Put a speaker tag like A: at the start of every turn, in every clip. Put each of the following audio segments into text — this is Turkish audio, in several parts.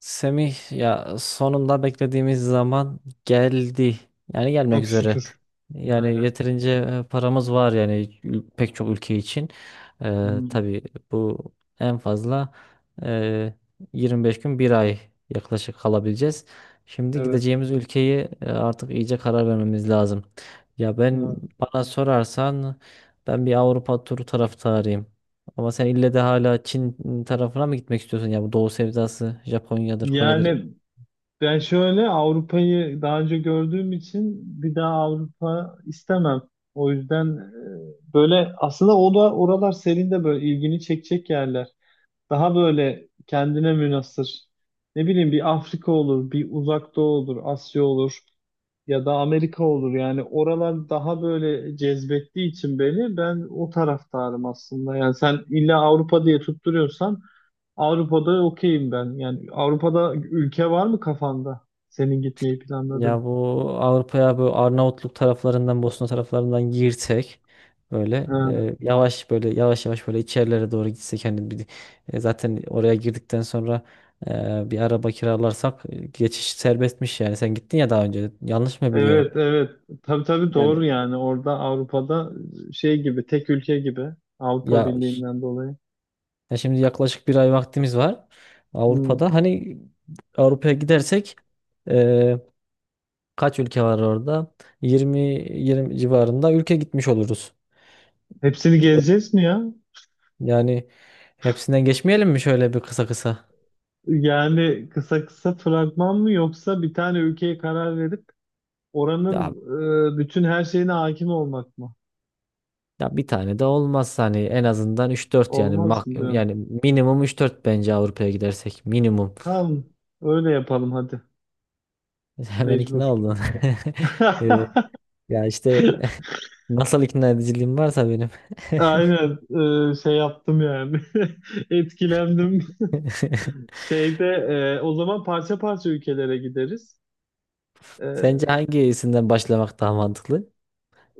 A: Semih, ya sonunda beklediğimiz zaman geldi. Yani gelmek
B: Çok
A: üzere.
B: şükür.
A: Yani
B: Aynen.
A: yeterince paramız var, yani pek çok ülke için.
B: Hmm.
A: Tabii bu en fazla e, 25 gün bir ay yaklaşık kalabileceğiz. Şimdi
B: Evet.
A: gideceğimiz ülkeyi artık iyice karar vermemiz lazım. Ben
B: Evet.
A: bana sorarsan ben bir Avrupa turu taraftarıyım. Ama sen ille de hala Çin tarafına mı gitmek istiyorsun? Ya bu Doğu sevdası Japonya'dır, Kore'dir.
B: Yani Ben şöyle Avrupa'yı daha önce gördüğüm için bir daha Avrupa istemem. O yüzden böyle aslında o da oralar senin de böyle ilgini çekecek yerler. Daha böyle kendine münhasır. Ne bileyim bir Afrika olur, bir Uzak Doğu olur, Asya olur ya da Amerika olur. Yani oralar daha böyle cezbettiği için beni, ben o taraftarım aslında. Yani sen illa Avrupa diye tutturuyorsan Avrupa'da okeyim ben. Yani Avrupa'da ülke var mı kafanda? Senin gitmeyi planladığın.
A: Ya bu Avrupa'ya bu Arnavutluk taraflarından, Bosna taraflarından girsek böyle,
B: Ha,
A: yavaş böyle yavaş yavaş böyle içerilere doğru gitsek, hani zaten oraya girdikten sonra bir araba kiralarsak, geçiş serbestmiş yani. Sen gittin ya daha önce. Yanlış mı biliyorum?
B: evet, evet. Tabii, tabii,
A: Yani
B: doğru yani. Orada Avrupa'da şey gibi, tek ülke gibi. Avrupa
A: ya, ş-
B: Birliği'nden dolayı.
A: ya şimdi yaklaşık bir ay vaktimiz var
B: Hmm.
A: Avrupa'da. Hani Avrupa'ya gidersek e, kaç ülke var orada? 20 20 civarında ülke gitmiş oluruz.
B: Hepsini gezeceğiz mi ya?
A: Yani hepsinden geçmeyelim mi şöyle bir kısa kısa?
B: Yani kısa kısa fragman mı, yoksa bir tane ülkeye karar verip oranın
A: Ya
B: bütün her şeyine hakim olmak mı?
A: ya bir tane de olmaz, hani en azından üç dört,
B: Olmaz mı diyorum.
A: yani minimum üç dört bence Avrupa'ya gidersek minimum.
B: Tamam, öyle yapalım hadi.
A: Hemen
B: Mecbur.
A: ikna oldun. Ee, Ya işte nasıl ikna ediciliğim varsa benim.
B: Aynen, şey yaptım yani. Etkilendim. Şeyde, o zaman parça parça ülkelere gideriz. E,
A: Sence hangisinden başlamak daha mantıklı?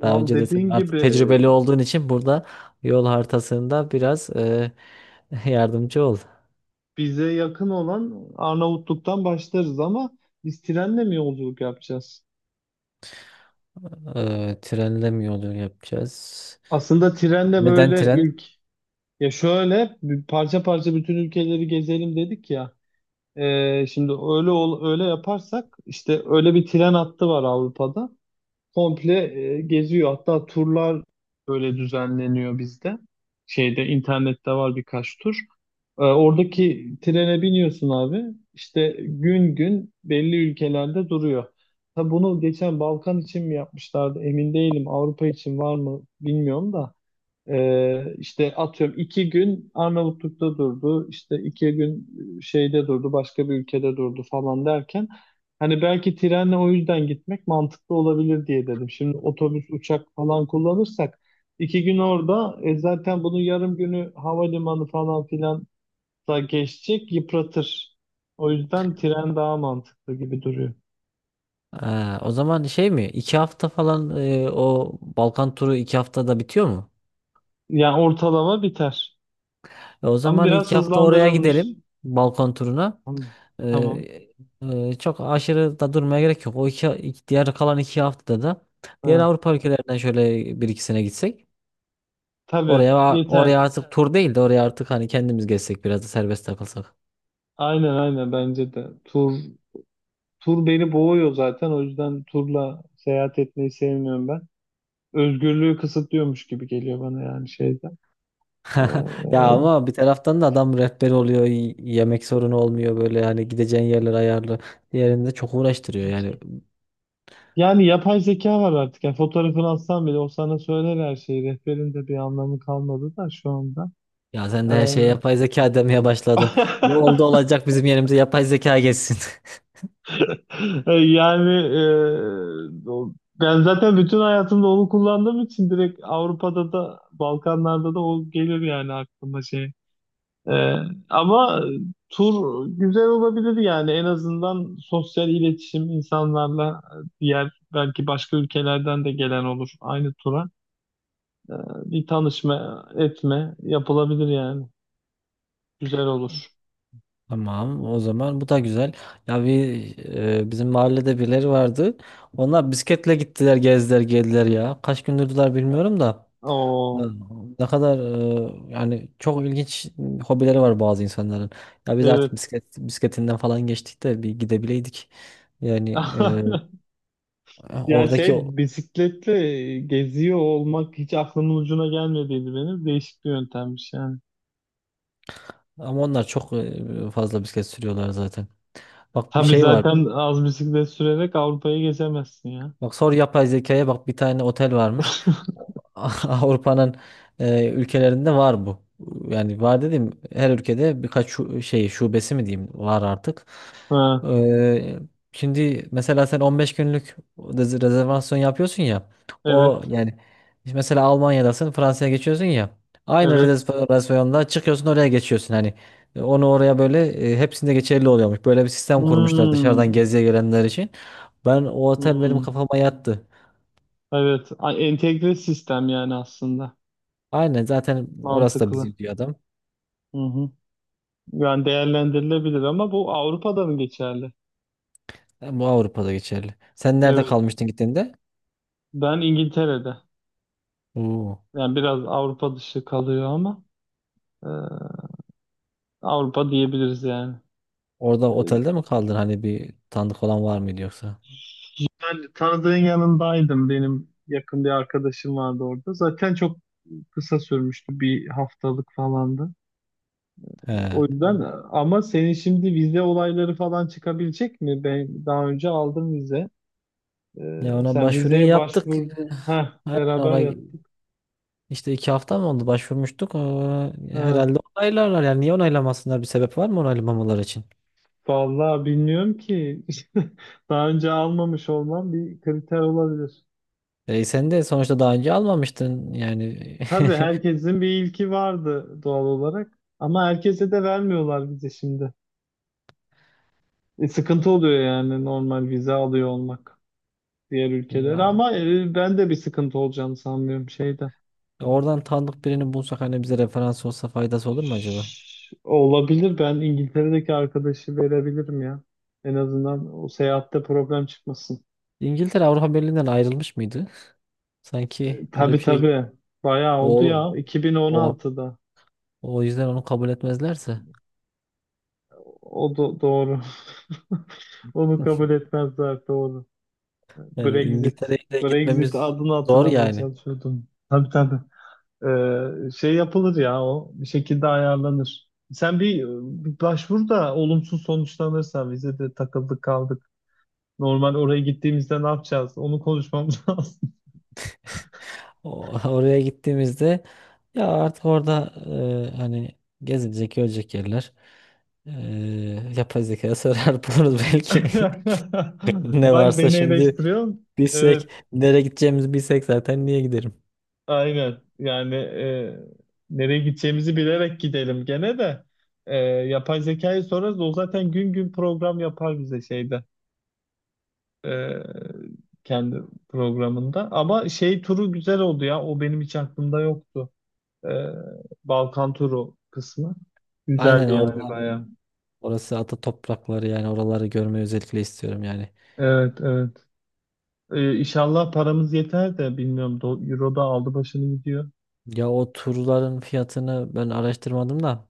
A: Daha önce de sen
B: dediğin
A: artık
B: gibi
A: tecrübeli olduğun için burada yol haritasında biraz yardımcı ol.
B: bize yakın olan Arnavutluk'tan başlarız ama biz trenle mi yolculuk yapacağız?
A: Trenle mi yolculuk yapacağız?
B: Aslında trenle
A: Neden
B: böyle
A: tren?
B: ya şöyle bir parça parça bütün ülkeleri gezelim dedik ya. Şimdi öyle yaparsak işte, öyle bir tren hattı var Avrupa'da. Komple geziyor. Hatta turlar böyle düzenleniyor bizde. Şeyde, internette var birkaç tur. Oradaki trene biniyorsun abi. İşte gün gün belli ülkelerde duruyor. Tabi bunu geçen Balkan için mi yapmışlardı emin değilim. Avrupa için var mı bilmiyorum da. İşte atıyorum 2 gün Arnavutluk'ta durdu, işte 2 gün şeyde durdu, başka bir ülkede durdu falan derken, hani belki trenle o yüzden gitmek mantıklı olabilir diye dedim. Şimdi otobüs, uçak falan kullanırsak 2 gün orada zaten bunun yarım günü havalimanı falan filan da geçecek, yıpratır. O yüzden tren daha mantıklı gibi duruyor.
A: Aa, o zaman şey mi? İki hafta falan o Balkan turu iki haftada bitiyor mu?
B: Yani ortalama biter.
A: O
B: Ama
A: zaman
B: biraz
A: iki hafta oraya
B: hızlandırılmış.
A: gidelim. Balkan turuna.
B: Tamam. Tamam.
A: E, Çok aşırı da durmaya gerek yok. Diğer kalan iki haftada da diğer
B: Ha,
A: Avrupa ülkelerinden şöyle bir ikisine gitsek.
B: tabii,
A: Oraya
B: yeter.
A: artık tur değil de oraya artık hani kendimiz gezsek, biraz da serbest takılsak.
B: Aynen, aynen bence de. Tur beni boğuyor zaten. O yüzden turla seyahat etmeyi sevmiyorum ben. Özgürlüğü kısıtlıyormuş gibi geliyor bana yani şeyden. Ee,
A: Ya ama bir taraftan da adam rehber oluyor, yemek sorunu olmuyor böyle, yani gideceğin yerler ayarlı. Diğerinde çok uğraştırıyor yani.
B: Yani yapay zeka var artık. Yani fotoğrafını atsan bile o sana söyler her şeyi. Rehberin de bir anlamı kalmadı da şu anda.
A: Ya sen
B: Ee,
A: de her şeye yapay zeka demeye başladın. Ne oldu, olacak bizim yerimize yapay zeka geçsin.
B: yani e, o- Ben zaten bütün hayatımda onu kullandığım için direkt Avrupa'da da Balkanlarda da o gelir yani aklıma şey. Ee, Ama tur güzel olabilir yani, en azından sosyal iletişim insanlarla, diğer belki başka ülkelerden de gelen olur aynı tura. Ee, Bir tanışma etme yapılabilir yani. Güzel olur.
A: Tamam, o zaman bu da güzel. Ya bir Bizim mahallede birileri vardı. Onlar bisikletle gittiler, gezdiler, geldiler ya. Kaç gündürdüler bilmiyorum da. Evet.
B: Oo,
A: Ne kadar, yani çok ilginç hobileri var bazı insanların. Ya biz
B: evet.
A: artık bisiklet bisikletinden falan geçtik de bir gidebileydik. Yani e,
B: Ya
A: oradaki o-
B: şey, bisikletle geziyor olmak hiç aklımın ucuna gelmediydi benim. Değişik bir yöntemmiş yani.
A: Ama onlar çok, fazla bisiklet sürüyorlar zaten. Bak bir
B: Tabii,
A: şey var.
B: zaten az bisiklet sürerek Avrupa'ya geçemezsin ya.
A: Bak, sor yapay zekaya, bak bir tane otel varmış. O- Avrupa'nın ülkelerinde var bu. Yani var dedim, her ülkede birkaç şey şubesi mi diyeyim var artık.
B: Ha,
A: Ee, Şimdi mesela sen 15 günlük rezervasyon yapıyorsun ya. O
B: evet.
A: yani işte mesela Almanya'dasın, Fransa'ya geçiyorsun ya. Aynı
B: Evet.
A: rezervasyonda çıkıyorsun, oraya geçiyorsun hani. Onu oraya böyle, hepsinde geçerli oluyormuş. Böyle bir sistem kurmuşlar dışarıdan
B: Hmm.
A: geziye gelenler için. Ben o otel, benim
B: Hmm.
A: kafama yattı.
B: Evet. Entegre sistem yani aslında.
A: Aynen, zaten orası da
B: Mantıklı.
A: bizim diyor adam.
B: Hı hı. Yani değerlendirilebilir ama bu Avrupa'da mı geçerli?
A: Ha, bu Avrupa'da geçerli. Sen nerede
B: Evet.
A: kalmıştın gittiğinde?
B: Ben İngiltere'de.
A: Oo.
B: Yani biraz Avrupa dışı kalıyor ama e, Avrupa diyebiliriz yani.
A: Orada
B: E,
A: otelde mi kaldın? Hani bir tanıdık olan var mıydı yoksa?
B: Ben tanıdığın yanındaydım. Benim yakın bir arkadaşım vardı orada. Zaten çok kısa sürmüştü. Bir haftalık falandı. O yüzden,
A: He.
B: ama senin şimdi vize olayları falan çıkabilecek mi? Ben daha önce aldım vize.
A: Ya ona
B: Sen
A: başvuruyu
B: vizeye
A: yaptık.
B: başvur. Ha,
A: Aynen,
B: beraber
A: ona
B: yaptık.
A: işte iki hafta mı oldu başvurmuştuk.
B: Ha.
A: Herhalde onaylarlar. Yani niye onaylamasınlar? Bir sebep var mı onaylamamaları için?
B: Vallahi bilmiyorum ki. Daha önce almamış olmam bir kriter olabilir.
A: E, sen de sonuçta daha önce almamıştın. Yani
B: Tabii, herkesin bir ilki vardı doğal olarak. Ama herkese de vermiyorlar vize şimdi. Sıkıntı oluyor yani normal vize alıyor olmak diğer ülkelere.
A: ya
B: Ama ben de bir sıkıntı olacağını sanmıyorum şeyde.
A: oradan tanıdık birini bulsak, hani bize referans olsa faydası olur mu acaba?
B: Olabilir. Ben İngiltere'deki arkadaşı verebilirim ya. En azından o seyahatte problem çıkmasın.
A: İngiltere Avrupa Birliği'nden ayrılmış mıydı? Sanki öyle
B: Tabii,
A: bir şey,
B: tabii. Bayağı oldu
A: o
B: ya.
A: o
B: 2016'da.
A: o yüzden onu kabul etmezlerse
B: Doğru. Onu kabul etmezler. Doğru.
A: yani
B: Brexit.
A: İngiltere'ye de
B: Brexit
A: gitmemiz
B: adını
A: zor
B: hatırlamaya
A: yani.
B: çalışıyordum. Tabii, tabii. Şey yapılır ya o. Bir şekilde ayarlanır. Sen bir başvur da olumsuz sonuçlanırsa vize de takıldı kaldı. Normal oraya gittiğimizde ne yapacağız? Onu konuşmamız lazım.
A: Oraya gittiğimizde ya artık orada, hani gezilecek, görecek yerler. E, Yapay zekaya sorar buluruz belki. Ne
B: Bak,
A: varsa
B: beni
A: şimdi
B: eleştiriyorsun.
A: bilsek,
B: Evet,
A: nereye gideceğimizi bilsek zaten niye giderim?
B: aynen. Yani nereye gideceğimizi bilerek gidelim gene de. Yapay zekayı sorarız. O zaten gün gün program yapar bize şeyde. E, Kendi programında. Ama şey, turu güzel oldu ya. O benim hiç aklımda yoktu. E, Balkan turu kısmı.
A: Aynen
B: Güzeldi yani
A: orada,
B: bayağı.
A: orası ata toprakları, yani oraları görmeyi özellikle istiyorum yani.
B: Evet, evet. İnşallah paramız yeter de bilmiyorum. Euro da aldı başını gidiyor.
A: Ya o turların fiyatını ben araştırmadım da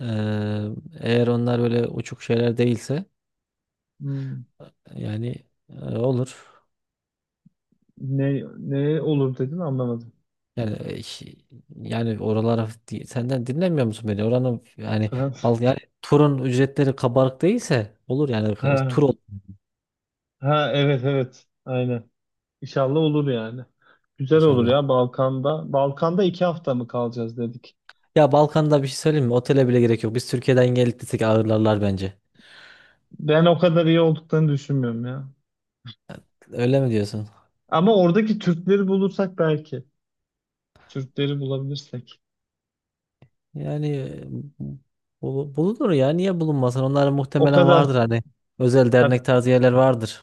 A: eee, eğer onlar böyle uçuk şeyler değilse
B: Hmm.
A: yani, olur.
B: Ne olur dedin anlamadım.
A: Yani e, şi- Yani oralara senden dinlemiyor musun beni? Oranın yani,
B: Ha,
A: Yani turun ücretleri kabarık değilse olur yani.
B: ha,
A: Tur olur
B: ha, evet, evet. Aynen. İnşallah olur yani. Güzel olur
A: inşallah.
B: ya Balkan'da. Balkan'da 2 hafta mı kalacağız dedik.
A: Ya Balkan'da bir şey söyleyeyim mi? Otele bile gerek yok. Biz Türkiye'den gelip gitsek ağırlarlar bence.
B: Ben o kadar iyi olduklarını düşünmüyorum ya.
A: Öyle mi diyorsun?
B: Ama oradaki Türkleri bulursak belki. Türkleri bulabilirsek.
A: Yani Bulunur ya, niye bulunmasın? Onlar
B: O
A: muhtemelen
B: kadar.
A: vardır, hani özel
B: Ha,
A: dernek tarzı yerler vardır.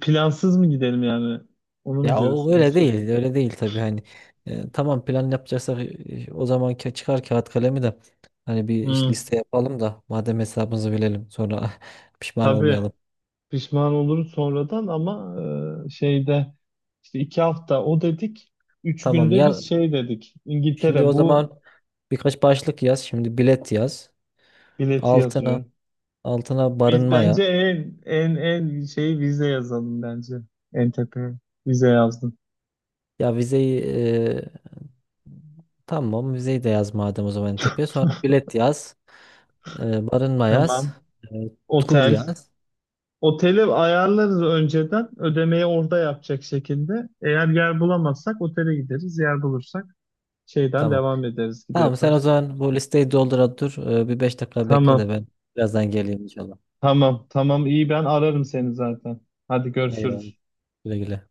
B: plansız mı gidelim yani? Onu mu
A: Ya
B: diyorsun
A: o
B: en
A: öyle
B: son?
A: değil, öyle değil tabii hani. E, tamam, plan yapacaksak o zaman çıkar kağıt kalemi de hani bir iş
B: Hmm,
A: liste yapalım da, madem hesabımızı bilelim, sonra pişman
B: tabii.
A: olmayalım.
B: Pişman olurum sonradan ama şeyde, işte 2 hafta o dedik. Üç
A: Tamam
B: günde
A: ya,
B: biz şey dedik.
A: şimdi
B: İngiltere
A: o
B: bu
A: zaman birkaç başlık yaz. Şimdi bilet yaz.
B: bileti
A: Altına
B: yazıyor.
A: altına
B: Biz
A: barınma yaz.
B: bence en şeyi vize yazalım bence. En tepeye vize yazdım.
A: Ya vizeyi e, Tamam, vizeyi de yaz madem, o zaman en tepeye. Sonra bilet yaz. E, barınma yaz.
B: Tamam.
A: E, tur
B: Otel.
A: yaz.
B: Oteli ayarlarız önceden. Ödemeyi orada yapacak şekilde. Eğer yer bulamazsak otele gideriz. Yer bulursak şeyden
A: Tamam.
B: devam ederiz gibi
A: Tamam, sen
B: yaparız.
A: o zaman bu listeyi doldura dur. E, bir 5 dakika bekle de
B: Tamam.
A: ben birazdan geleyim inşallah.
B: Tamam, tamam, iyi, ben ararım seni zaten. Hadi,
A: Eyvallah.
B: görüşürüz.
A: Güle güle.